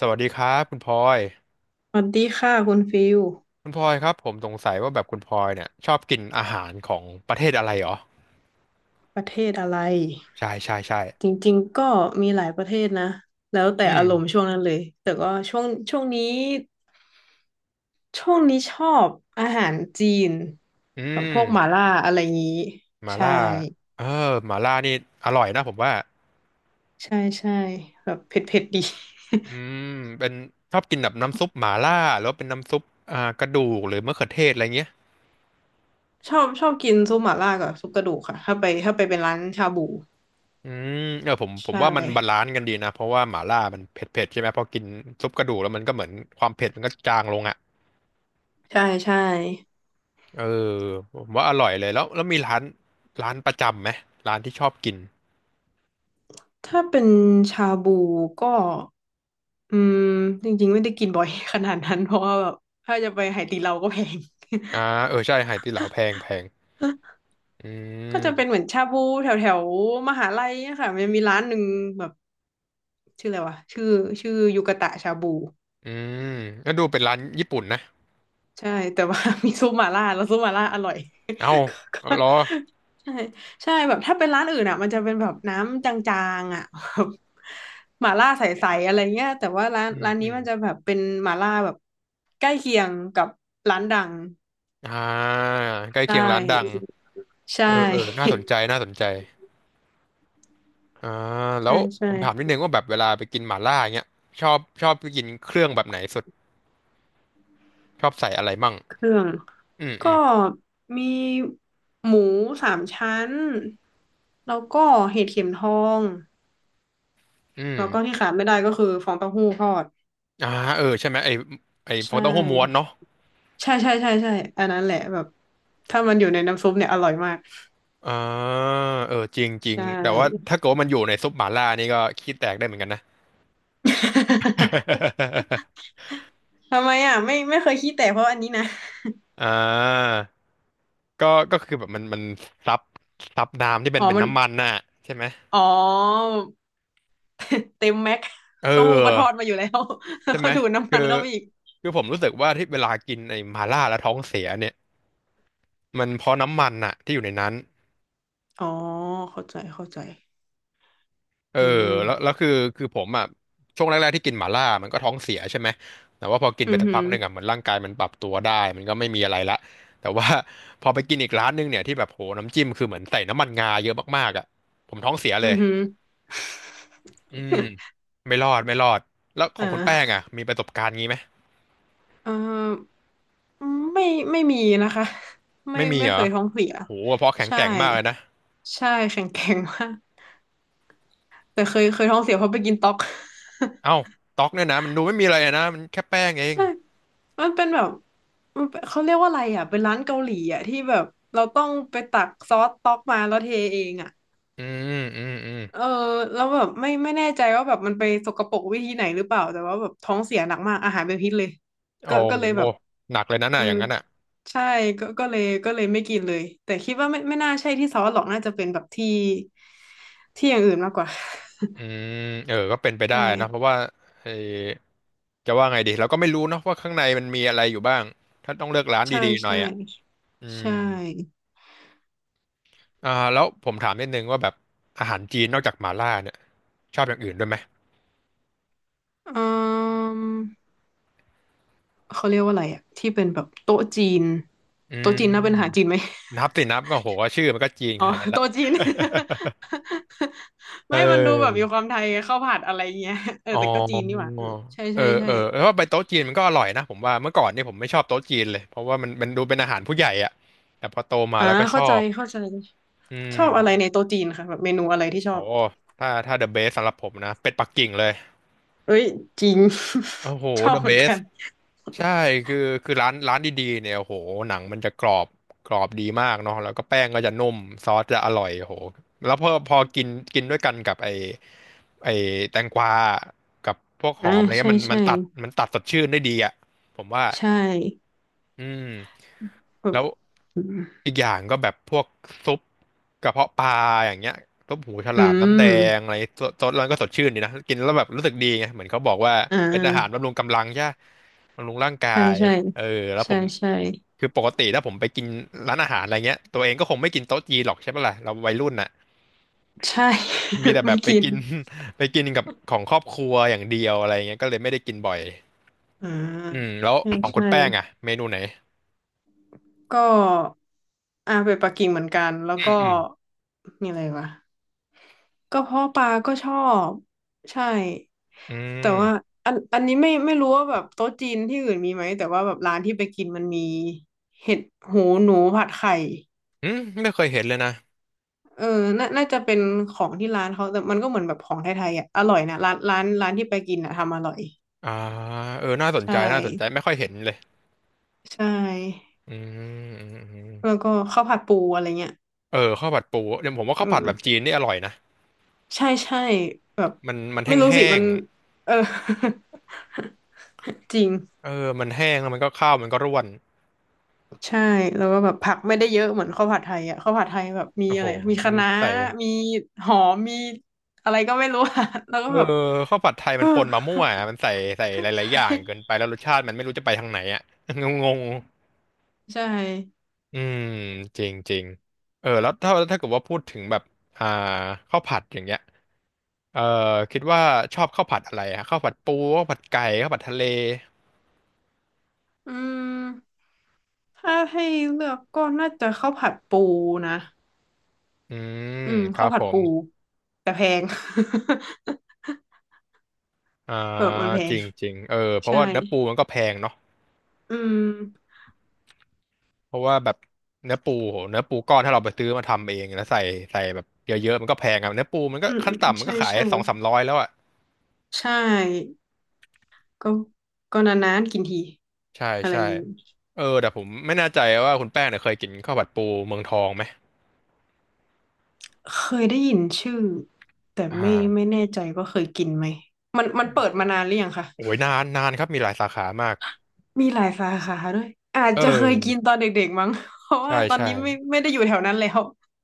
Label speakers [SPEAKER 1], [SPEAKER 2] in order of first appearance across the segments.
[SPEAKER 1] สวัสดีครับคุณพลอย
[SPEAKER 2] สวัสดีค่ะคุณฟิล
[SPEAKER 1] คุณพลอยครับผมสงสัยว่าแบบคุณพลอยเนี่ยชอบกินอาหารของประเทศอะไรเหรอ
[SPEAKER 2] ประเทศอะไร
[SPEAKER 1] ใช่ใช่ใช่
[SPEAKER 2] จริงๆก็มีหลายประเทศนะแล้วแต่
[SPEAKER 1] อื
[SPEAKER 2] อารมณ์
[SPEAKER 1] ม
[SPEAKER 2] ช่วงนั้นเลยแต่ก็ช่วงนี้ช่วงนี้ชอบอาหารจีน
[SPEAKER 1] อื
[SPEAKER 2] แบบพวกหม่า
[SPEAKER 1] ม
[SPEAKER 2] ล่าอะไรงี้
[SPEAKER 1] หมา
[SPEAKER 2] ใช่
[SPEAKER 1] ล่าเออหมาล่านี่อร่อยนะผมว่า
[SPEAKER 2] ใช่ใช่แบบเผ็ดๆดี
[SPEAKER 1] อืมเป็นชอบกินแบบน้ำซุปหมาล่าหรือว่าเป็นน้ำซุปกระดูกหรือมะเขือเทศอะไรเงี้ย
[SPEAKER 2] ชอบกินซุปหม่าล่ากับซุปกระดูกค่ะถ้าไปเป็นร้านชาบู
[SPEAKER 1] อืมเออผม
[SPEAKER 2] ใช่
[SPEAKER 1] ว่ามันบาลานซ์กันดีนะเพราะว่าหมาล่ามันเผ็ดเผ็ดใช่ไหมพอกินซุปกระดูกแล้วมันก็เหมือนความเผ็ดมันก็จางลงอ่ะ
[SPEAKER 2] ใช่ใช่
[SPEAKER 1] เออผมว่าอร่อยเลยแล้วมีร้านร้านประจำไหมร้านที่ชอบกิน
[SPEAKER 2] ถ้าเป็นชาบูก็อืมจริงๆไม่ได้กินบ่อย ขนาดนั้นเพราะว่าแบบถ้าจะไปไหตีเราก็แพง
[SPEAKER 1] อ่าเออใช่ไหตี้เหลาแพงแพง อื
[SPEAKER 2] ก็จะเป็นเห
[SPEAKER 1] ม
[SPEAKER 2] มือนชาบูแถวแถวมหาลัยอะค่ะมันมีร้านหนึ่งแบบชื่ออะไรวะชื่อยูกะตะชาบู
[SPEAKER 1] อืมก็ดูเป็นร้านญี่ปุ่นนะ
[SPEAKER 2] ใช่แต่ว่า มีซุปหม่าล่าแล้วซุปหม่าล่าอร่อย
[SPEAKER 1] เอ้า
[SPEAKER 2] ก็
[SPEAKER 1] เอาเหรอ
[SPEAKER 2] ใช่ใช่แบบถ้าเป็นร้านอื่นอ่ะมันจะเป็นแบบน้ำจางๆอ่ะแบบหม่าล่าใสๆอะไรเงี้ยแต่ว่าร้าน
[SPEAKER 1] อืม
[SPEAKER 2] ร้าน
[SPEAKER 1] อื
[SPEAKER 2] นี้
[SPEAKER 1] ม
[SPEAKER 2] มันจะแบบเป็นหม่าล่าแบบใกล้เคียงกับร้านดัง
[SPEAKER 1] อ่าใกล้
[SPEAKER 2] ใช
[SPEAKER 1] เคียงร้านดัง
[SPEAKER 2] ่ใช
[SPEAKER 1] เออเออน่า
[SPEAKER 2] ่
[SPEAKER 1] สนใจน่าสนใจอ่า แล้
[SPEAKER 2] ใช่
[SPEAKER 1] วผ
[SPEAKER 2] ใช่
[SPEAKER 1] มถามนิดนึงว่าแบบเวลาไปกินหม่าล่าเงี้ยชอบกินเครื่องแบบไหนสุดชอบใส่อะไรมั่ง
[SPEAKER 2] เครื่อง
[SPEAKER 1] อืมอื
[SPEAKER 2] ก็
[SPEAKER 1] ม
[SPEAKER 2] มีหมูสามชั้นแล้วก็เห็ดเข็มทอง
[SPEAKER 1] อืม
[SPEAKER 2] แล้วก็ที่ขาดไม่ได้ก็คือฟองเต้าหู้ทอด
[SPEAKER 1] อ่าเออใช่ไหมไอฟอ
[SPEAKER 2] ใช่
[SPEAKER 1] งเต้าหู้ม้วนเนาะ
[SPEAKER 2] ใช่ใช่ใช่ใช่อันนั้นแหละแบบถ้ามันอยู่ในน้ำซุปเนี่ยอร่อยมาก
[SPEAKER 1] อ่าเออจริงจริง
[SPEAKER 2] ใช
[SPEAKER 1] แต่ว่า
[SPEAKER 2] ่
[SPEAKER 1] ถ้าเกิดว่ามันอยู่ในซุปหม่าล่านี่ก็ขี้แตกได้เหมือนกันนะ
[SPEAKER 2] ทำไมอ่ะไม่เคยขี้แตกเพราะอันนี้นะ
[SPEAKER 1] อ่าก็ก็คือแบบมันซับซับน้ำที่เป็
[SPEAKER 2] อ๋
[SPEAKER 1] น
[SPEAKER 2] อ
[SPEAKER 1] เป็น
[SPEAKER 2] มัน
[SPEAKER 1] น้ำมันน่ะใช่ไหม
[SPEAKER 2] อ๋อ เต็มแม็ก
[SPEAKER 1] เ
[SPEAKER 2] เต้าหู้ก็ทอด
[SPEAKER 1] ออ
[SPEAKER 2] มาอยู่แล้วแล้ว
[SPEAKER 1] ใช่
[SPEAKER 2] ก็
[SPEAKER 1] ไหม
[SPEAKER 2] ดูดน้ำ
[SPEAKER 1] คื
[SPEAKER 2] มั
[SPEAKER 1] อ
[SPEAKER 2] นเข้าไปอีก
[SPEAKER 1] คือผมรู้สึกว่าที่เวลากินไอ้หม่าล่าแล้วท้องเสียเนี่ย มันเพราะน้ำมันน่ะที่อยู่ในนั้น
[SPEAKER 2] อ๋อเข้าใจเข้าใจ
[SPEAKER 1] เออ
[SPEAKER 2] อื
[SPEAKER 1] แล้ว
[SPEAKER 2] ม
[SPEAKER 1] คือคือผมอ่ะช่วงแรกๆที่กินหม่าล่ามันก็ท้องเสียใช่ไหมแต่ว่าพอกิน
[SPEAKER 2] อื
[SPEAKER 1] ไป
[SPEAKER 2] มอ
[SPEAKER 1] สัก
[SPEAKER 2] หื
[SPEAKER 1] พั
[SPEAKER 2] ม
[SPEAKER 1] กหนึ่งอ่ะเหมือนร่างกายมันปรับตัวได้มันก็ไม่มีอะไรละแต่ว่า พอไปกินอีกร้านหนึงเนี่ยที่แบบโหน้ำจิ้มคือเหมือนใส่น้ำมันงาเยอะมากๆอ่ะผมท้องเสีย
[SPEAKER 2] อ
[SPEAKER 1] เล
[SPEAKER 2] อือ
[SPEAKER 1] ย
[SPEAKER 2] หือ
[SPEAKER 1] อืมไม่รอดไม่รอดแล้วข
[SPEAKER 2] อ่
[SPEAKER 1] องคุณแป้ง
[SPEAKER 2] า
[SPEAKER 1] อ่ะมีประสบการณ์งี้ไหม
[SPEAKER 2] เออไม่ไม่มีนะคะไม่
[SPEAKER 1] ไม่มี
[SPEAKER 2] ไม่
[SPEAKER 1] เหร
[SPEAKER 2] เค
[SPEAKER 1] อ
[SPEAKER 2] ยท้องเสีย
[SPEAKER 1] โหกระเพราะแข็ง
[SPEAKER 2] ใช่
[SPEAKER 1] แกร่งมากเลยนะ
[SPEAKER 2] ใช่แข็งแข็งมาก แต่เคยท้องเสียเพราะไปกินต๊อก
[SPEAKER 1] เอ้าต๊อกเนี่ยนะมันดูไม่มีอะไรอะนะมันแค่แป้งเอง
[SPEAKER 2] ใช่มันเป็นแบบมันเป็นเขาเรียกว่าอะไรอ่ะเป็นร้านเกาหลีอ่ะที่แบบเราต้องไปตักซอสต๊อกมาแล้วเทเองอ่ะ
[SPEAKER 1] อืมอืมอืม
[SPEAKER 2] เออแล้วแบบไม่แน่ใจว่าแบบมันไปสกปรกวิธีไหนหรือเปล่าแต่ว่าแบบท้องเสียหนักมากอาหารเป็นพิษเลย
[SPEAKER 1] โอ้
[SPEAKER 2] ก็เลย
[SPEAKER 1] โห
[SPEAKER 2] แบบ
[SPEAKER 1] หนักเลยนะ
[SPEAKER 2] อื
[SPEAKER 1] น่ะอ
[SPEAKER 2] ม
[SPEAKER 1] ย่างนั้นอ่ะ
[SPEAKER 2] ใช่ก็เลยก็เลยไม่กินเลยแต่คิดว่าไม่น่าใช่ที่ซอสหรอกน่าจะเป็นแบบที่อย่างอื่นมากกว่า
[SPEAKER 1] อืมเออก็เป็น ไปได้
[SPEAKER 2] ใช่
[SPEAKER 1] นะเพราะว่าเออจะว่าไงดีเราก็ไม่รู้เนาะว่าข้างในมันมีอะไรอยู่บ้างถ้าต้องเลือกร้าน
[SPEAKER 2] ใช่
[SPEAKER 1] ดีๆหน่อ
[SPEAKER 2] ใช่
[SPEAKER 1] ยอ่ะอื
[SPEAKER 2] ใช่
[SPEAKER 1] มอ่าแล้วผมถามนิดนึงว่าแบบอาหารจีนนอกจากหม่าล่าเนี่ยชอบอย่างอื่นด้วยไหม
[SPEAKER 2] อืมเขาเรียกว่าอะไรอะที่เป็นแบบโต๊ะจีน
[SPEAKER 1] อื
[SPEAKER 2] โต๊ะจีนน่าเป็นอาหารจี
[SPEAKER 1] ม
[SPEAKER 2] นไหม
[SPEAKER 1] นับสินับก็โหชื่อมันก็จีน
[SPEAKER 2] อ๋
[SPEAKER 1] ข
[SPEAKER 2] อ
[SPEAKER 1] นาดนั้นละ
[SPEAKER 2] โต๊ะจีน
[SPEAKER 1] เ
[SPEAKER 2] ไม่มันดูแบบมี
[SPEAKER 1] ออ
[SPEAKER 2] ความไทยไงข้าวผัดอะไรเงี้ยเออ
[SPEAKER 1] อ๋อ
[SPEAKER 2] แต่ก็จีนนี่หว่าเออใช่
[SPEAKER 1] เอ
[SPEAKER 2] ใช่
[SPEAKER 1] อ
[SPEAKER 2] ใช่
[SPEAKER 1] เออแล้วว่าไปโต๊ะจีนมันก็อร่อยนะผมว่าเมื่อก่อนนี่ผมไม่ชอบโต๊ะจีนเลยเพราะว่ามันดูเป็นอาหารผู้ใหญ่อะแต่พอโตมา
[SPEAKER 2] อ่า
[SPEAKER 1] แล้วก็ช
[SPEAKER 2] เข้า
[SPEAKER 1] อ
[SPEAKER 2] ใจ
[SPEAKER 1] บ
[SPEAKER 2] เข้าใจ
[SPEAKER 1] อื
[SPEAKER 2] ชอบอะไรใน
[SPEAKER 1] ม
[SPEAKER 2] โต๊ะจีนคะแบบเมนูอะไรที่ช
[SPEAKER 1] โอ้
[SPEAKER 2] อบ
[SPEAKER 1] ถ้าเดอะเบสสำหรับผมนะเป็ดปักกิ่งเลย
[SPEAKER 2] เอ้ยจริง
[SPEAKER 1] โอ้โห
[SPEAKER 2] ชอ
[SPEAKER 1] เด
[SPEAKER 2] บ
[SPEAKER 1] อะ
[SPEAKER 2] เห
[SPEAKER 1] เบ
[SPEAKER 2] มือน
[SPEAKER 1] ส
[SPEAKER 2] กัน
[SPEAKER 1] ใช่คือคือร้านดีๆเนี่ยโอ้โหหนังมันจะกรอบกรอบดีมากเนาะแล้วก็แป้งก็จะนุ่มซอสจะอร่อยโอ้โหแล้วพอกินกินด้วยกันกับไอแตงกวากับพวกห
[SPEAKER 2] อ่า
[SPEAKER 1] อมอะไรเงี้
[SPEAKER 2] ใช่
[SPEAKER 1] ยมันมั
[SPEAKER 2] ใช่
[SPEAKER 1] นตัดมันตัดสดชื่นได้ดีอ่ะผมว่า
[SPEAKER 2] ใช่
[SPEAKER 1] อืม
[SPEAKER 2] แบบ
[SPEAKER 1] แล้ว
[SPEAKER 2] อืม
[SPEAKER 1] อีกอย่างก็แบบพวกซุปกระเพาะปลาอย่างเงี้ยซุปหูฉลา
[SPEAKER 2] อื
[SPEAKER 1] มน้ำแด
[SPEAKER 2] ม
[SPEAKER 1] งอะไรซดซดแล้วก็สดชื่นดีนะกินแล้วแบบรู้สึกดีไงเหมือนเขาบอกว่า
[SPEAKER 2] อ่
[SPEAKER 1] เป็นอาหาร
[SPEAKER 2] า
[SPEAKER 1] บำรุงกำลังใช่ปะบำรุงร่างกา
[SPEAKER 2] ใช่
[SPEAKER 1] ย
[SPEAKER 2] ใช่
[SPEAKER 1] เออแล้วผ
[SPEAKER 2] ใช่
[SPEAKER 1] ม
[SPEAKER 2] ใช่
[SPEAKER 1] คือปกติถ้าผมไปกินร้านอาหารอะไรเงี้ยตัวเองก็คงไม่กินโต๊ะจีนหรอกใช่ปะล่ะเราวัยรุ่นน่ะ
[SPEAKER 2] ใช่
[SPEAKER 1] มีแต่ แบ
[SPEAKER 2] ไม่
[SPEAKER 1] บไป
[SPEAKER 2] กิน
[SPEAKER 1] กิน ไปกินกับของครอบครัวอย่างเดียวอะไรเงี้ยก็เลยไม่ได้กินบ่อย
[SPEAKER 2] อ่า
[SPEAKER 1] อืมแล้ว
[SPEAKER 2] ใช่
[SPEAKER 1] ของคุณ
[SPEAKER 2] ใช่
[SPEAKER 1] แป้งอะเมนูไหน
[SPEAKER 2] ก็อ่าไปปักกิ่งเหมือนกันแล้ว
[SPEAKER 1] อืม
[SPEAKER 2] ก็
[SPEAKER 1] อืม
[SPEAKER 2] มีอะไรวะก็เพาะปลาก็ชอบใช่
[SPEAKER 1] อื
[SPEAKER 2] แต่ว่า
[SPEAKER 1] ม
[SPEAKER 2] อันนี้ไม่รู้ว่าแบบโต๊ะจีนที่อื่นมีไหมแต่ว่าแบบร้านที่ไปกินมันมีเห็ดหูหนูผัดไข่
[SPEAKER 1] อืมไม่เคยเห็นเลยนะ
[SPEAKER 2] เออน่าน่าจะเป็นของที่ร้านเขาแต่มันก็เหมือนแบบของไทยๆอ่ะอร่อยนะร้านร้านที่ไปกินอ่ะทำอร่อย
[SPEAKER 1] อ่าเออน่าสน
[SPEAKER 2] ใช่
[SPEAKER 1] ใจน่าสนใจไม่ค่อยเห็นเลย
[SPEAKER 2] ใช่
[SPEAKER 1] อืมอืมอืม
[SPEAKER 2] แล้วก็ข้าวผัดปูอะไรเงี้ย
[SPEAKER 1] เออข้าวผัดปูเดี๋ยวผมว่า
[SPEAKER 2] อื
[SPEAKER 1] ข้าวผัดแบบ
[SPEAKER 2] ม
[SPEAKER 1] จีนนี่อร่อยนะ
[SPEAKER 2] ใช่ใช่แบบ
[SPEAKER 1] มันมันแ
[SPEAKER 2] ไม่รู้สิ
[SPEAKER 1] ห้
[SPEAKER 2] มั
[SPEAKER 1] ง
[SPEAKER 2] นเออ จริง
[SPEAKER 1] ๆเออมันแห้งแล้วมันก็ข้าวมันก็ร่วน
[SPEAKER 2] ใช่แล้วก็แบบผักไม่ได้เยอะเหมือนข้าวผัดไทยอ่ะข้าวผัดไทยแบบมี
[SPEAKER 1] โอ้
[SPEAKER 2] อะ
[SPEAKER 1] โห
[SPEAKER 2] ไรมี
[SPEAKER 1] มั
[SPEAKER 2] คะ
[SPEAKER 1] น
[SPEAKER 2] น้า
[SPEAKER 1] ใส่
[SPEAKER 2] มีหอมมีอะไรก็ไม่รู้ อ่ะแล้วก็
[SPEAKER 1] เอ
[SPEAKER 2] แบบ
[SPEAKER 1] อข้าวผัดไทย
[SPEAKER 2] เอ
[SPEAKER 1] มั
[SPEAKER 2] อ
[SPEAKER 1] นปนมามั่วอะมันใส่ใส่หลายๆอย่างเกินไปแล้วรสชาติมันไม่รู้จะไปทางไหนอ่ะ งง
[SPEAKER 2] ใช่
[SPEAKER 1] ๆอืมจริงจริงเออแล้วถ้าเกิดว่าพูดถึงแบบอ่าข้าวผัดอย่างเงี้ย เอ่อคิดว่าชอบข้าวผัดอะไรฮะข้าวผัดปูข้าวผัดไก่ข้าวผัดทะเล
[SPEAKER 2] อืมถ้าให้เลือกก็น่าจะข้าวผัดปูนะ
[SPEAKER 1] อืม
[SPEAKER 2] อืม
[SPEAKER 1] ครั
[SPEAKER 2] ข้าว
[SPEAKER 1] บ
[SPEAKER 2] ผั
[SPEAKER 1] ผ
[SPEAKER 2] ด
[SPEAKER 1] ม
[SPEAKER 2] ปูแต่แพง
[SPEAKER 1] อ่า
[SPEAKER 2] แบบมันแพ
[SPEAKER 1] จ
[SPEAKER 2] ง
[SPEAKER 1] ริงจริงเออเพราะ
[SPEAKER 2] ใช่
[SPEAKER 1] ว่าเนื้อปูมันก็แพงเนาะ
[SPEAKER 2] อืม
[SPEAKER 1] เพราะว่าแบบเนื้อปูโหเนื้อปูก้อนถ้าเราไปซื้อมาทำเองแล้วใส่แบบเยอะๆมันก็แพงอะเนื้อปูมันก็
[SPEAKER 2] อืม
[SPEAKER 1] ขั้
[SPEAKER 2] อื
[SPEAKER 1] น
[SPEAKER 2] ม
[SPEAKER 1] ต่ำมัน
[SPEAKER 2] ใช่
[SPEAKER 1] ก็ขาย
[SPEAKER 2] ใช่
[SPEAKER 1] 200-300แล้วอ่ะ
[SPEAKER 2] ใช่ ก็ก็นานๆกินที
[SPEAKER 1] ใช่
[SPEAKER 2] อะไร
[SPEAKER 1] ใช่
[SPEAKER 2] อย่างงี้
[SPEAKER 1] เออแต่ผมไม่แน่ใจว่าคุณแป้งเนี่ยเคยกินข้าวผัดปูเมืองทองไหม
[SPEAKER 2] เคยได้ยินชื่อแต่
[SPEAKER 1] อ่
[SPEAKER 2] ไม่
[SPEAKER 1] า
[SPEAKER 2] แน่ใจว่าเคยกินไหมมันเปิดมานานหรือยังคะ
[SPEAKER 1] โอ้ยนานนานครับมีหลายสาขามาก
[SPEAKER 2] มีหลายสาขาด้วยอาจ
[SPEAKER 1] เออ
[SPEAKER 2] จะเคยกินตอนเด็กๆมั้ง เพราะ
[SPEAKER 1] ใช่
[SPEAKER 2] ว่าตอน
[SPEAKER 1] ใช่
[SPEAKER 2] นี้ไม่ได้อยู่แถวนั้นแล้ว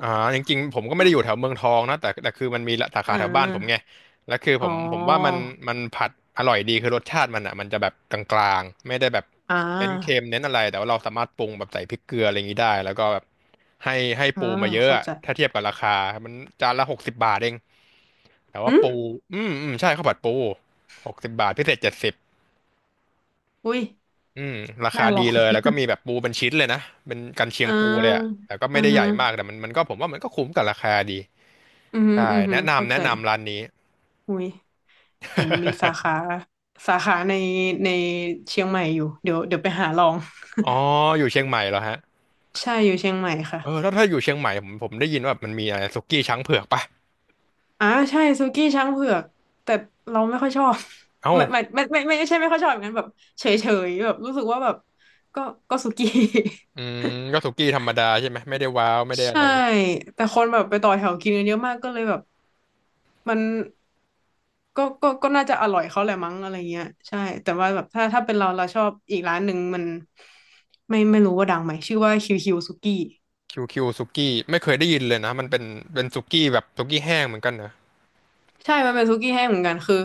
[SPEAKER 1] อ่าจริงๆผมก็ไม่ได้อยู่แถวเมืองทองนะแต่คือมันมีสา
[SPEAKER 2] อ่
[SPEAKER 1] ขาแถวบ้านผมไง
[SPEAKER 2] า
[SPEAKER 1] แล้วคือผ
[SPEAKER 2] อ๋อ
[SPEAKER 1] มผมว่ามันผัดอร่อยดีคือรสชาติมันอ่ะมันจะแบบกลางๆไม่ได้แบบ
[SPEAKER 2] อ่
[SPEAKER 1] เน้นเค็
[SPEAKER 2] า
[SPEAKER 1] มเน้นอะไรแต่ว่าเราสามารถปรุงแบบใส่พริกเกลืออะไรอย่างนี้ได้แล้วก็แบบให้ให้
[SPEAKER 2] อ่า
[SPEAKER 1] ปูมาเยอะ
[SPEAKER 2] เข้า
[SPEAKER 1] อะ
[SPEAKER 2] ใจ
[SPEAKER 1] ถ้าเทียบกับราคามันจานละหกสิบบาทเองแต่
[SPEAKER 2] อื
[SPEAKER 1] ว่าปู
[SPEAKER 2] ม
[SPEAKER 1] อืมอืมใช่ข้าวผัดปูหกสิบบาทพิเศษ70
[SPEAKER 2] อุ้ย
[SPEAKER 1] อืมราคา
[SPEAKER 2] น่าลอ
[SPEAKER 1] ดี
[SPEAKER 2] ง
[SPEAKER 1] เลยแล้วก็มีแบบปูเป็นชิ้นเลยนะเป็นกันเชีย
[SPEAKER 2] อ่
[SPEAKER 1] งปูเลยอะ
[SPEAKER 2] า
[SPEAKER 1] แต่ก็ไม่
[SPEAKER 2] อ่า
[SPEAKER 1] ได้ให
[SPEAKER 2] ฮะ
[SPEAKER 1] ญ่มากแต่มันก็ผมว่ามันก็คุ้มกับราคาดี
[SPEAKER 2] อืมอหืม
[SPEAKER 1] ใช่
[SPEAKER 2] ออือหือ
[SPEAKER 1] แนะ
[SPEAKER 2] เข้า
[SPEAKER 1] นำ
[SPEAKER 2] ใจ
[SPEAKER 1] แนะนำร้านนี้
[SPEAKER 2] อุ้ย เห็นมีสาขา สาขาในในเชียงใหม่อยู่เดี๋ยวไปหาลอง
[SPEAKER 1] อ๋ออยู่เชียงใหม่เหรอฮะ
[SPEAKER 2] ใช่อยู่เชียงใหม่ค่ะ
[SPEAKER 1] เออแล้วถ้าอยู่เชียงใหม่ผมได้ยินว่ามันมีอะไรสุกี้ช้างเผือกปะ
[SPEAKER 2] อ่าใช่ซูกี้ช้างเผือกแต่เราไม่ค่อยชอบ
[SPEAKER 1] เอ้า
[SPEAKER 2] ไม่ไม่ไม่ไม่ไม่ไม่ใช่ไม่ค่อยชอบอย่างนั้นแบบเฉยเฉยแบบรู้สึกว่าแบบก็ก็ซูกี้
[SPEAKER 1] อืมก็สุกี้ธรรมดาใช่ไหมไม่ได้ว้าวไม่ได้ อะ
[SPEAKER 2] ใช่
[SPEAKER 1] ไร
[SPEAKER 2] แต่คนแบบไปต่อแถวกินกันเยอะมากก็เลยแบบมันก็ก็ก็น่าจะอร่อยเขาแหละมั้งอะไรเงี้ยใช่แต่ว่าแบบถ้าเป็นเราชอบอีกร้านหนึ่งมันไม่รู้ว่าดังไหมชื่อว่าคิวคิวซูกี้
[SPEAKER 1] คิวคิวสุกี้ไม่เคยได้ยินเลยนะมันเป็นเป็นสุกี้แบบสุกี้แห้งเหมือนกันนะ
[SPEAKER 2] ใช่ มันเป็นสุกี้แห้งเหมือนกัน คือ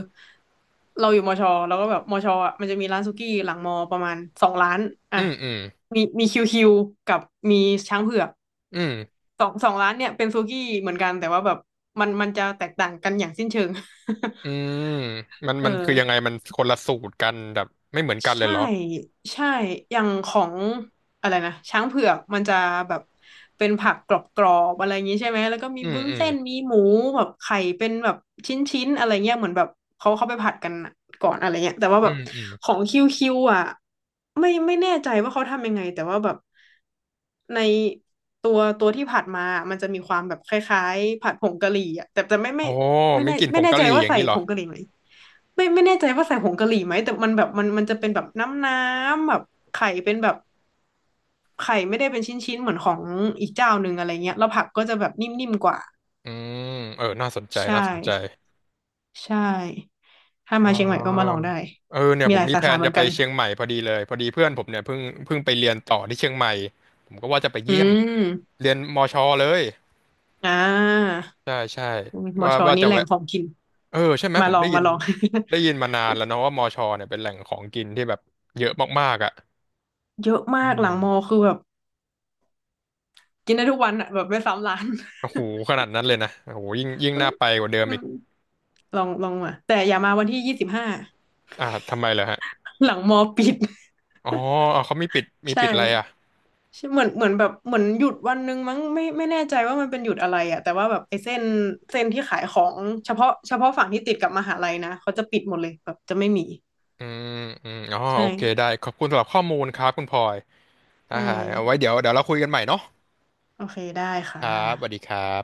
[SPEAKER 2] เราอยู่มอชอแล้วก็แบบมอชออ่ะมันจะมีร้านสุกี้หลังมอประมาณสองร้าน
[SPEAKER 1] อ
[SPEAKER 2] อ่ะ
[SPEAKER 1] อืมอืม
[SPEAKER 2] มีคิวคิวกับมีช้างเผือก
[SPEAKER 1] อืม
[SPEAKER 2] สองร้านเนี่ยเป็นสุกี้เหมือนกันแต่ว่าแบบมันจะแตกต่างกันอย่างสิ้นเชิง
[SPEAKER 1] อืมมัน
[SPEAKER 2] เอ
[SPEAKER 1] มันคือ
[SPEAKER 2] อ
[SPEAKER 1] ยังไงมันคนละสูตรกันแบบไม่เหมือนกันเลย
[SPEAKER 2] ใช่
[SPEAKER 1] เหรอ
[SPEAKER 2] ใช่อย่างของอะไรนะช้างเผือกมันจะแบบเป็นผักกรอบๆอะไรอย่างนี้ใช่ไหมแล้วก็มี
[SPEAKER 1] อืม
[SPEAKER 2] บุ้น
[SPEAKER 1] อืม
[SPEAKER 2] เส้นมีหมูแบบไข่เป็นแบบชิ้นๆอะไรเงี้ยเหมือนแบบเขาเขาไปผัดกันก่อนอะไรเงี้ยแต่ว่า
[SPEAKER 1] อื
[SPEAKER 2] แบบ
[SPEAKER 1] มอืม
[SPEAKER 2] ของคิวคิวอ่ะไม่แน่ใจว่าเขาทำยังไงแต่ว่าแบบในตัวตัวที่ผัดมามันจะมีความแบบคล้ายๆผัดผงกะหรี่อ่ะแต่แต่ไม่ไม่
[SPEAKER 1] โอ้
[SPEAKER 2] ไม่
[SPEAKER 1] มี
[SPEAKER 2] แน่
[SPEAKER 1] กลิ่นผ
[SPEAKER 2] ไม่
[SPEAKER 1] ง
[SPEAKER 2] แน่
[SPEAKER 1] กะ
[SPEAKER 2] ใจ
[SPEAKER 1] หรี่
[SPEAKER 2] ว่า
[SPEAKER 1] อย่าง
[SPEAKER 2] ใส่
[SPEAKER 1] นี้เหร
[SPEAKER 2] ผ
[SPEAKER 1] อ
[SPEAKER 2] งกะหรี่ไหม ไม่แน่ใจว่าใส่ผงกะหรี่ไหมแต่มันแบบมันจะเป็นแบบน้ำน้ำแบบไข่เป็นแบบไข่ไม่ได้เป็นชิ้นๆเหมือนของอีกเจ้าหนึ่งอะไรเงี้ยแล้วผักก็จะแบบนิ่มๆกว่า
[SPEAKER 1] อืมเออน่าสนใจ
[SPEAKER 2] ใช่
[SPEAKER 1] น่าสนใจ
[SPEAKER 2] ใช่ถ้า
[SPEAKER 1] อ๋
[SPEAKER 2] มา
[SPEAKER 1] อ
[SPEAKER 2] เชียงใหม่ก็มาลองได้
[SPEAKER 1] เออเนี่ย
[SPEAKER 2] มี
[SPEAKER 1] ผ
[SPEAKER 2] ห
[SPEAKER 1] ม
[SPEAKER 2] ลาย
[SPEAKER 1] มี
[SPEAKER 2] สา
[SPEAKER 1] แผ
[SPEAKER 2] ขา
[SPEAKER 1] น
[SPEAKER 2] เหมื
[SPEAKER 1] จะ
[SPEAKER 2] อน
[SPEAKER 1] ไป
[SPEAKER 2] กัน
[SPEAKER 1] เชียงใหม่พอดีเลยพอดีเพื่อนผมเนี่ยเพิ่งไปเรียนต่อที่เชียงใหม่ผมก็ว่าจะไป
[SPEAKER 2] อื
[SPEAKER 1] เยี่ยม
[SPEAKER 2] ม
[SPEAKER 1] เรียนมชเลย
[SPEAKER 2] อ่า
[SPEAKER 1] ใช่ใช่
[SPEAKER 2] หมอ
[SPEAKER 1] ว่า
[SPEAKER 2] ชอ
[SPEAKER 1] ว่า
[SPEAKER 2] นี่
[SPEAKER 1] จะ
[SPEAKER 2] แหล่
[SPEAKER 1] แวะ
[SPEAKER 2] งของกิน
[SPEAKER 1] เออใช่ไหม
[SPEAKER 2] มา
[SPEAKER 1] ผ
[SPEAKER 2] ล
[SPEAKER 1] ม
[SPEAKER 2] อ
[SPEAKER 1] ได้
[SPEAKER 2] ง
[SPEAKER 1] ยิ
[SPEAKER 2] มา
[SPEAKER 1] น
[SPEAKER 2] ลอง
[SPEAKER 1] ได้ยิน มานานแล้วเนาะว่ามชเนี่ยเป็นแหล่งของกินที่แบบเยอะมากๆอ่ะ
[SPEAKER 2] เยอะ
[SPEAKER 1] อื
[SPEAKER 2] มากห
[SPEAKER 1] ม
[SPEAKER 2] ลังมอคือแบบกินได้ทุกวันอ่ะแบบไม่ซ้ำร้าน
[SPEAKER 1] โอ้โหขนาดนั้นเลยนะโอ้โหยิ่งยิ่ง
[SPEAKER 2] มัน
[SPEAKER 1] น่าไปกว่าเดิม
[SPEAKER 2] อื
[SPEAKER 1] อีก
[SPEAKER 2] มลองมาแต่อย่ามาวันที่25
[SPEAKER 1] อ่าทำไมเหรอฮะ
[SPEAKER 2] หลังมอปิด
[SPEAKER 1] อ๋อ เอาเขามีปิดมี
[SPEAKER 2] ใช่
[SPEAKER 1] ปิดอะไรอ่ะ
[SPEAKER 2] ใช่เหมือนแบบเหมือนหยุดวันหนึงมั้งไม่แน่ใจว่ามันเป็นหยุดอะไรอะแต่ว่าแบบไอ้เส้นที่ขายของเฉพาะฝั่งที่ติดกับมหาลัยนะเขาจะปิดหมดเลยแบบจะไม่มี
[SPEAKER 1] อืมอืมอ๋อ
[SPEAKER 2] ใ
[SPEAKER 1] โอเค ได้
[SPEAKER 2] ช่
[SPEAKER 1] ขอบคุณสำหรับข้อมูลครับคุณพลอยได้
[SPEAKER 2] ใช่
[SPEAKER 1] เอาไว้เดี๋ยวเราคุยกันใหม่เนาะ
[SPEAKER 2] โอเคได้
[SPEAKER 1] ค
[SPEAKER 2] ค่ะ
[SPEAKER 1] รับสวัสดีครับ